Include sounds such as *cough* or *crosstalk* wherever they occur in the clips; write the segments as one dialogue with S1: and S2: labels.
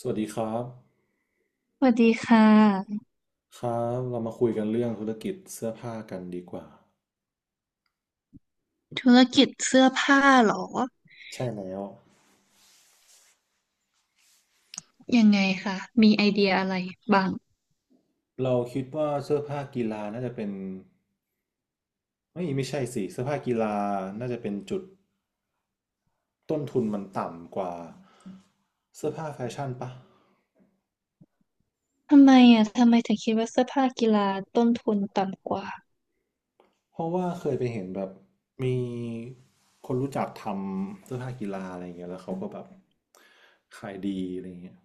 S1: สวัสดีครับ
S2: สวัสดีค่ะ
S1: ครับเรามาคุยกันเรื่องธุรกิจเสื้อผ้ากันดีกว่า
S2: ธุรกิจเสื้อผ้าเหรอ
S1: ใช่แล้ว
S2: ยังไงคะมีไอเดียอะไรบ้าง
S1: เราคิดว่าเสื้อผ้ากีฬาน่าจะเป็นไม่ไม่ใช่สิ เสื้อผ้ากีฬาน่าจะเป็นจุดต้นทุนมันต่ำกว่าเสื้อผ้าแฟชั่นปะ
S2: ทำไมอ่ะทำไมถึงคิดว่าเสื้อผ้ากีฬาต้นทุนต่ำกว่า
S1: เพราะว่าเคยไปเห็นแบบมีคนรู้จักทำเสื้อผ้ากีฬาอะไรอย่างเงี้ยแล้วเขาก็แบบขายดีอะไรอย่างเงี้ย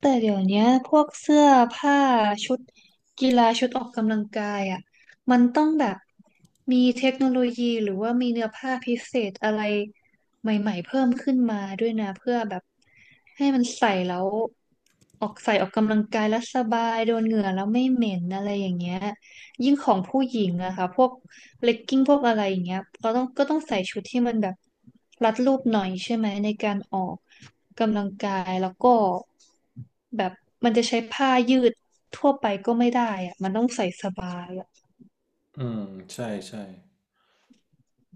S2: แต่เดี๋ยวเนี้ยพวกเสื้อผ้าชุดกีฬาชุดออกกำลังกายอ่ะมันต้องแบบมีเทคโนโลยีหรือว่ามีเนื้อผ้าพิเศษอะไรใหม่ๆเพิ่มขึ้นมาด้วยนะเพื่อแบบให้มันใส่แล้วออกใส่ออกกำลังกายแล้วสบายโดนเหงื่อแล้วไม่เหม็นอะไรอย่างเงี้ยยิ่งของผู้หญิงอะค่ะพวกเลกกิ้งพวกอะไรอย่างเงี้ยก็ต้องใส่ชุดที่มันแบบรัดรูปหน่อยใช่ไหมในการออกกำลังกายแล้วก็ แบบมันจะใช้ผ้ายืดทั่วไปก็ไม่ได้อะมันต้องใส่สบายอะ
S1: อืม ใช่ใช่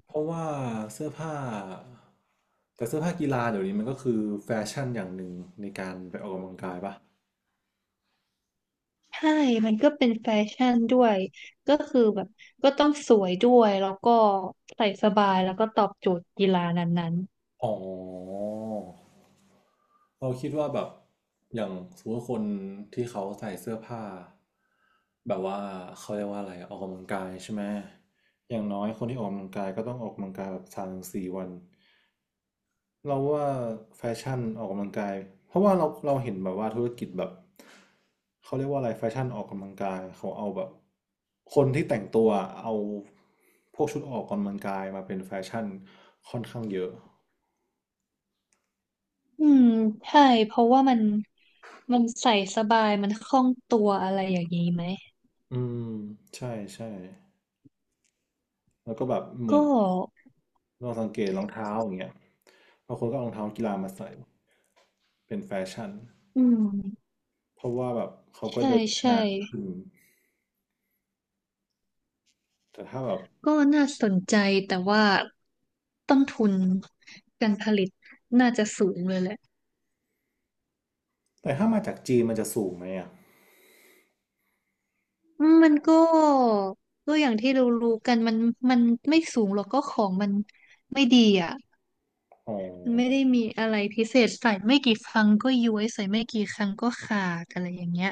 S1: เพราะว่าเสื้อผ้าแต่เสื้อผ้ากีฬาเดี๋ยวนี้มันก็คือแฟชั่นอย่างหนึ่งในการไปออกกำลังกายปะ
S2: ใช่มันก็เป็นแฟชั่นด้วย ก็คือแบบก็ต้องสวยด้วย แล้วก็ใส่สบายแล้วก็ตอบโจทย์กีฬานั้น
S1: อ๋อเราคิดว่าแบบอย่างสมมติว่าคนที่เขาใส่เสื้อผ้าแบบว่าเขาเรียกว่าอะไรอะออกกำลังกายใช่ไหมอย่างน้อยคนที่ออกกำลังกายก็ต้องออกกำลังกายแบบ3 ถึง 4วัน เราว่าแฟชั่นออกกำลังกายเพราะว่าเราเห็นแบบว่าธุรกิจแบบเขาเรียกว่าอะไรแฟชั่นออกกำลังกายเขาเอาแบบคนที่แต่งตัวเอาพวกชุดออกกำลังกายมาเป็นแฟชั่นค่อนข้างเยอะ
S2: ๆอืมใช่ เพราะว่ามันใส่สบาย มันคล่องตัวอะไรอย่างนี้ไหม
S1: อืมใช่ใช่แล้วก็แบบเหมื
S2: ก็
S1: อนเราสังเกตรองเท้าอย่างเงี้ยบางคนก็เอารองเท้ากีฬามาใส่เป็นแฟชั่น
S2: อืม
S1: เพราะว่าแบบเขาก็
S2: ใช่
S1: เดินได้นา
S2: ใช่
S1: นขึ้นแต่ถ้าแบบ
S2: ก็น่าสนใจแต่ว่าต้นทุนการผลิตน่าจะสูงเลยแหละ
S1: แต่ถ้ามาจากจีนมันจะสูงไหมอ่ะ
S2: อืมมันก็ก็อย่างที่เรารู้กันมันไม่สูงหรอกก็ของมันไม่ดีอ่ะ
S1: อ๋
S2: มันไม่ได้
S1: อ
S2: มีอะไรพิเศษใส่ไม่กี่ครั้งก็ย้วยใส่ไม่กี่ครั้งก็ขาดอะไรอย่างเงี้ย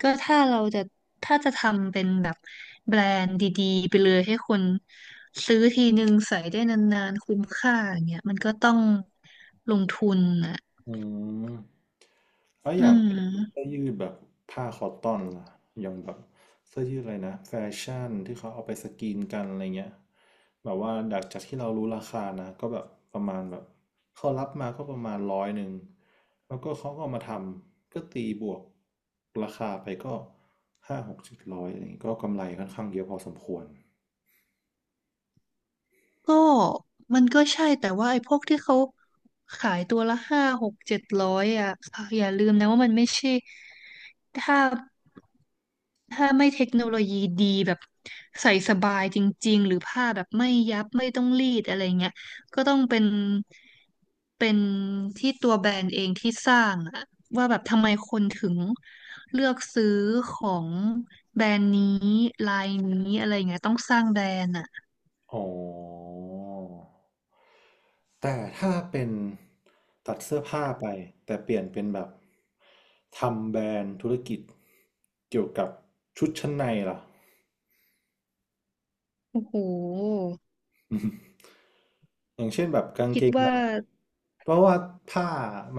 S2: ก็ถ้าเราจะถ้าจะทำเป็นแบบแบรนด์ดีๆไปเลยให้คนซื้อทีนึงใส่ได้นานๆคุ้มค่าอย่างเงี้ยมันก็ต้องลงทุนอ่ะ
S1: อืมแล้วอใช่
S2: อื
S1: ย่างเสื้
S2: ม
S1: อยืดแบบผ้าคอตตอนล่ะอย่างแบบเสื้อยืดอะไรนะแฟชั่นที่เขาเอาไปสกรีนกันอะไรเงี้ยแบบว่าดักจากที่เรารู้ราคานะก็แบบประมาณแบบเขารับมาก็ประมาณ100แล้วก็เขาก็เอามาทำก็ตีบวกราคาไปก็ห้าหกเจ็ดร้อยอะไรเงี้ยก็กำไรค่อนข้างเยอะพอสมควร
S2: ก็มันก็ใช่แต่ว่าไอ้พวกที่เขาขายตัวละห้าหกเจ็ดร้อยอ่ะค่ะอย่าลืมนะว่ามันไม่ใช่ถ้าถ้าไม่เทคโนโลยีดีแบบใส่สบายจริงๆหรือผ้าแบบไม่ยับไม่ต้องรีดอะไรเงี้ยก็ต้องเป็นเป็นที่ตัวแบรนด์เองที่สร้างอะว่าแบบทำไมคนถึงเลือกซื้อของแบรนด์นี้ลายนี้อะไรเงี้ยต้องสร้างแบรนด์อะ
S1: อ๋อแต่ถ้าเป็นตัดเสื้อผ้าไปแต่เปลี่ยนเป็นแบบทำแบรนด์ธุรกิจเกี่ยวกับชุดชั้นในล่ะ
S2: โอ้โห
S1: *laughs* อย่างเช่นแบบกาง
S2: คิ
S1: เก
S2: ด
S1: งใน
S2: ว่า
S1: เพราะว่าผ้า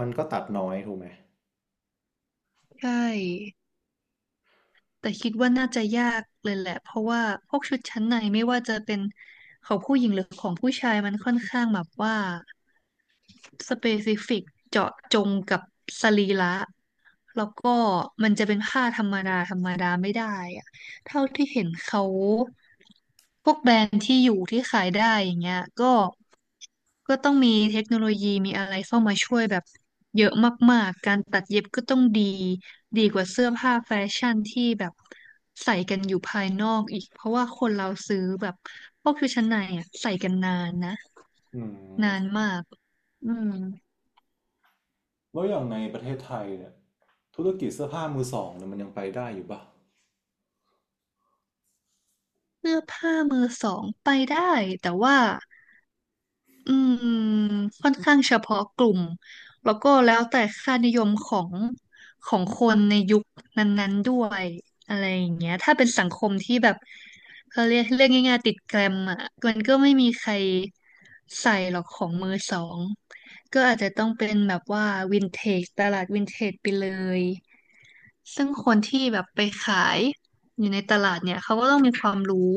S1: มันก็ตัดน้อยถูกไหม
S2: ใช่ แต่คิดว่าน่าจะยากเลยแหละ เพราะว่าพวกชุดชั้นในไม่ว่าจะเป็นของผู้หญิงหรือของผู้ชายมันค่อนข้างแบบว่าสเปซิฟิกเจาะจงกับสรีระแล้วก็มันจะเป็นผ้าธรรมดาธรรมดาไม่ได้อะ เท่าที่เห็นเขาพวกแบรนด์ที่อยู่ที่ขายได้อย่างเงี้ยก็ก็ต้องมีเทคโนโลยีมีอะไรเข้ามาช่วยแบบเยอะมากๆการตัดเย็บก็ต้องดีดีกว่าเสื้อผ้าแฟชั่นที่แบบใส่กันอยู่ภายนอกอีกเพราะว่าคนเราซื้อแบบพวกชุดชั้นในอ่ะใส่กันนานนะ
S1: อื
S2: นา
S1: ม
S2: นมากอืม
S1: แล้วอย่างในประเทศไทยเนี่ยธุรกิจเสื้อผ้ามือสองเนี่ยมันยังไปได้อยู่ป่ะ
S2: เสื้อผ้ามือสองไปได้แต่ว่า อืมค่อนข้างเฉพาะกลุ่มแล้วก็แล้วแต่ค่านิยมของของคนในยุคนั้นๆด้วยอะไรอย่างเงี้ยถ้าเป็นสังคมที่แบบเขาเรียกเรื่องง่ายๆติดแกรมอ่ะมันก็ไม่มีใครใส่หรอกของมือสองก็อาจจะต้องเป็นแบบว่าวินเทจตลาดวินเทจไปเลย ซึ่งคนที่แบบไปขายอยู่ในตลาดเนี่ยเขาก็ต้องมีความรู้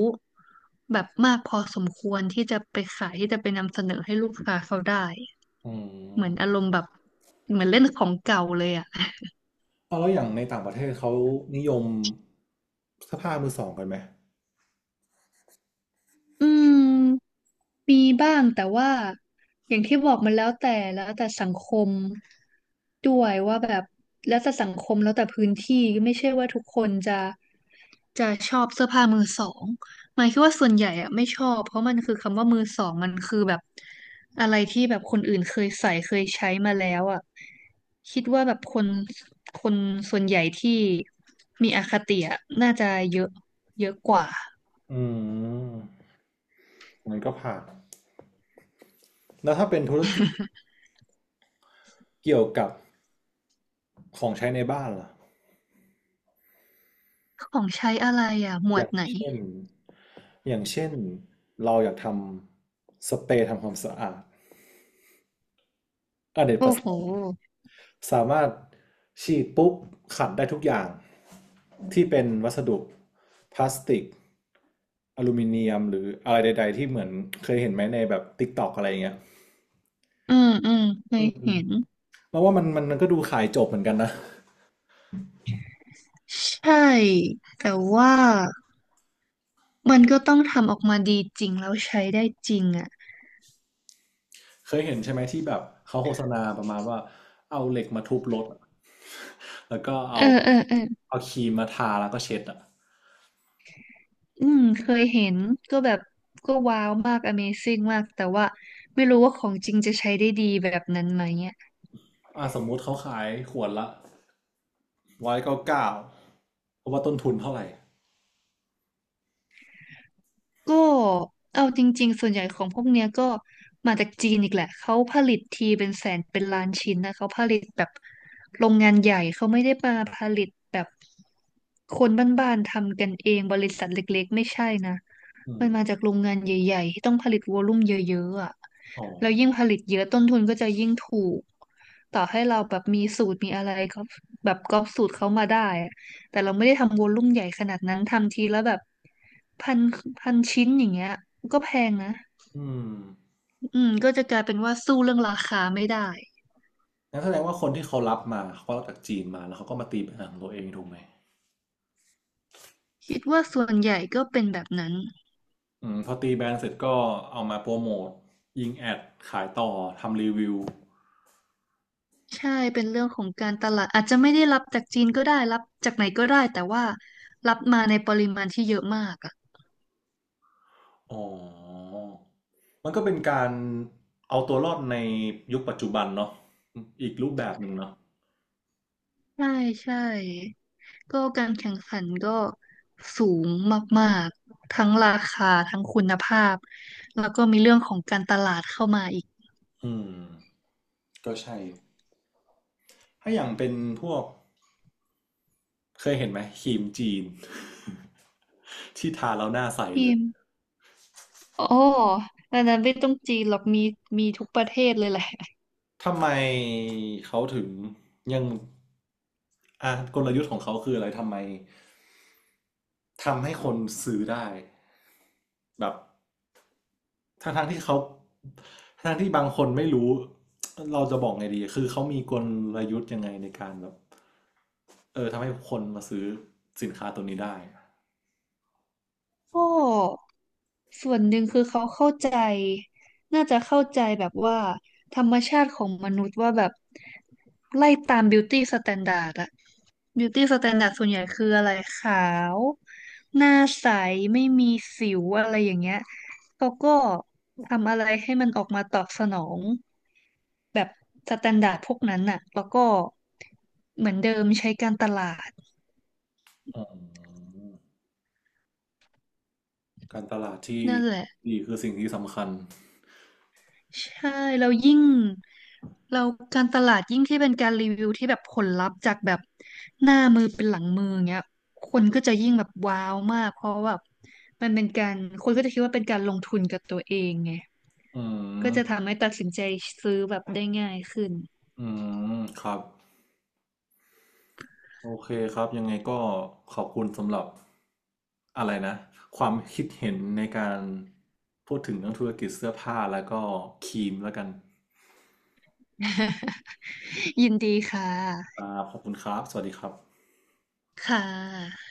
S2: แบบมากพอสมควรที่จะไปขายที่จะไปนำเสนอให้ลูกค้าเขาได้
S1: อื
S2: เห
S1: ม
S2: มือนอารมณ์แบบเหมือนเล่นของเก่าเลยอ่ะ
S1: เอาแล้วอย่างในต่างประเทศเขานิยมเสื้อผ้ามือสองกันไหม
S2: อืม มีบ้างแต่ว่าอย่างที่บอกมันแล้วแต่แล้วแต่สังคมด้วยว่าแบบแล้วแต่สังคมแล้วแต่พื้นที่ไม่ใช่ว่าทุกคนจะชอบเสื้อผ้ามือสองหมายคิดว่าส่วนใหญ่อะไม่ชอบเพราะมันคือคำว่ามือสองมันคือแบบอะไรที่แบบคนอื่นเคยใส่เคยใช้มาแล้วอะคิดว่าแบบคนส่วนใหญ่ที่มีอคติอะน่าจะเยอะเยอะกว่า
S1: อืมมันก็ผ่านแล้วถ้าเป็นธุรกิจเกี่ยวกับของใช้ในบ้านล่ะ
S2: ของใช้อะไรอ่ะหม
S1: อ
S2: วด
S1: ย่าง
S2: ไหน
S1: เช่นอย่างเช่นเราอยากทำสเปรย์ทำความสะอาดอเนกป
S2: โอ้
S1: ระส
S2: โห
S1: งค์สามารถฉีดปุ๊บขัดได้ทุกอย่างที่เป็นวัสดุพลาสติกอลูมิเนียมหรืออะไรใดๆที่เหมือนเคยเห็นไหมในแบบติ k t อกอะไรอย่างเงี้ย
S2: อืมอืมเค
S1: อื
S2: ย
S1: ม
S2: เห็น
S1: แล้วว่ามันก็ดูขายจบเหมือนกันนะ
S2: ใช่แต่ว่ามันก็ต้องทำออกมาดีจริงแล้วใช้ได้จริงอ่ะ
S1: เคยเห็นใช่ไหมที่แบบเขาโฆษณาประมาณว่าเอาเหล็กมาทุบรถอะแล้วก็
S2: เอ
S1: เอา
S2: อเออเออ
S1: เอาครีมมาทาแล้วก็เช็ดอ่ะ
S2: อืมเคยเห็นก็แบบก็ว้าวมาก Amazing มากแต่ว่าไม่รู้ว่าของจริงจะใช้ได้ดีแบบนั้นไหม
S1: อ่ะสมมุติเขาขายขวดละ199เพราะว่าต้นทุนเท่าไหร่
S2: ก็เอาจริงๆส่วนใหญ่ของพวกเนี้ยก็มาจากจีนอีกแหละเขาผลิตทีเป็นแสนเป็นล้านชิ้นนะเขาผลิตแบบโรงงานใหญ่เขาไม่ได้มาผลิตแบบคนบ้านๆทำกันเองบริษัทเล็กๆไม่ใช่นะ
S1: อื
S2: มันมา
S1: ม
S2: จากโรงงานใหญ่ๆที่ต้องผลิตวอลลุ่มเยอะๆอ่ะ
S1: อ๋อ
S2: แล้วยิ่งผลิตเยอะต้นทุนก็จะยิ่งถูกต่อให้เราแบบมีสูตรมีอะไรก็แบบก๊อปสูตรเขามาได้อะแต่เราไม่ได้ทำวอลลุ่มใหญ่ขนาดนั้นทำทีแล้วแบบพันพันชิ้นอย่างเงี้ยก็แพงนะ
S1: อืม
S2: อืมก็จะกลายเป็นว่าสู้เรื่องราคาไม่ได้
S1: งั้นแสดงว่าคนที่เขารับมาเขาก็รับจากจีนมาแล้วเขาก็มาตีแบรนด์ของตัวเองถูกไหม
S2: คิดว่าส่วนใหญ่ก็เป็นแบบนั้น
S1: อืมพอตีแบรนด์เสร็จก็เอามาโปรโมทยิงแอดขายต่อทำรีวิว
S2: ใช่เป็นเรื่องของการตลาดอาจจะไม่ได้รับจากจีนก็ได้รับจากไหนก็ได้แต่ว่ารับมาในปริมาณที่เยอะมากอะ
S1: อ๋อ มันก็เป็นการเอาตัวรอดในยุคปัจจุบันเนาะอีกรูปแบบหนึ่งเนาะ
S2: ใช่ใช่ก็การแข่งขันก็สูงมากๆทั้งราคาทั้งคุณภาพแล้วก็มีเรื่องของการตลาดเข้ามาอีก
S1: อืมก็ใช่ถ้าอย่างเป็นพวกเคยเห็นไหมครีมจีน *laughs* ที่ทาแล้วหน้าใสเล
S2: ที
S1: ย
S2: มอ๋ออันนั้นไม่ต้องจีนหรอกมีมีทุกประเทศเลยแหละ
S1: ทำไมเขาถึงยังอ่ะกลยุทธ์ของเขาคืออะไรทำไมทำให้คนซื้อได้แบบ ทั้งทั้งที่เขาทั้งที่บางคนไม่รู้เราจะบอกไงดีคือเขามีกลยุทธ์ยังไงในการแบบทำให้คนมาซื้อสินค้าตัวนี้ได้
S2: โอ้ ส่วนหนึ่งคือเขาเข้าใจน่าจะเข้าใจแบบว่าธรรมชาติของมนุษย์ว่าแบบไล่ตามบิวตี้สแตนดาร์ดอะบิวตี้สแตนดาร์ดส่วนใหญ่คืออะไรขาวหน้าใสไม่มีสิวอะไรอย่างเงี้ยเขาก็ทำอะไรให้มันออกมาตอบสนองแบบสแตนดาร์ดพวกนั้นน่ะแล้วก็เหมือนเดิมใช้การตลาด
S1: อมการตลาดที่
S2: นั่นแหละ
S1: ดีคือสิ่งที่สำคัญ
S2: ใช่แล้วยิ่งเราการตลาดยิ่งที่เป็นการรีวิวที่แบบผลลัพธ์จากแบบหน้ามือเป็นหลังมือเงี้ยคนก็จะยิ่งแบบว้าวมากเพราะว่าแบบมันเป็นการคนก็จะคิดว่าเป็นการลงทุนกับตัวเองไง
S1: อื
S2: ก็จะ
S1: ม
S2: ทำให้ตัดสินใจซื้อแบบได้ง่ายขึ้น
S1: อืมครับโอเคครับยังไงก็ขอบคุณสำหรับอะไรนะความคิดเห็นในการพูดถึงเรื่องธุรกิจเสื้อผ้าแล้วก็ครีมแล้วกัน
S2: *laughs* ยินดีค่ะ
S1: อ่าขอบคุณครับสวัสดีครับ
S2: ค่ะ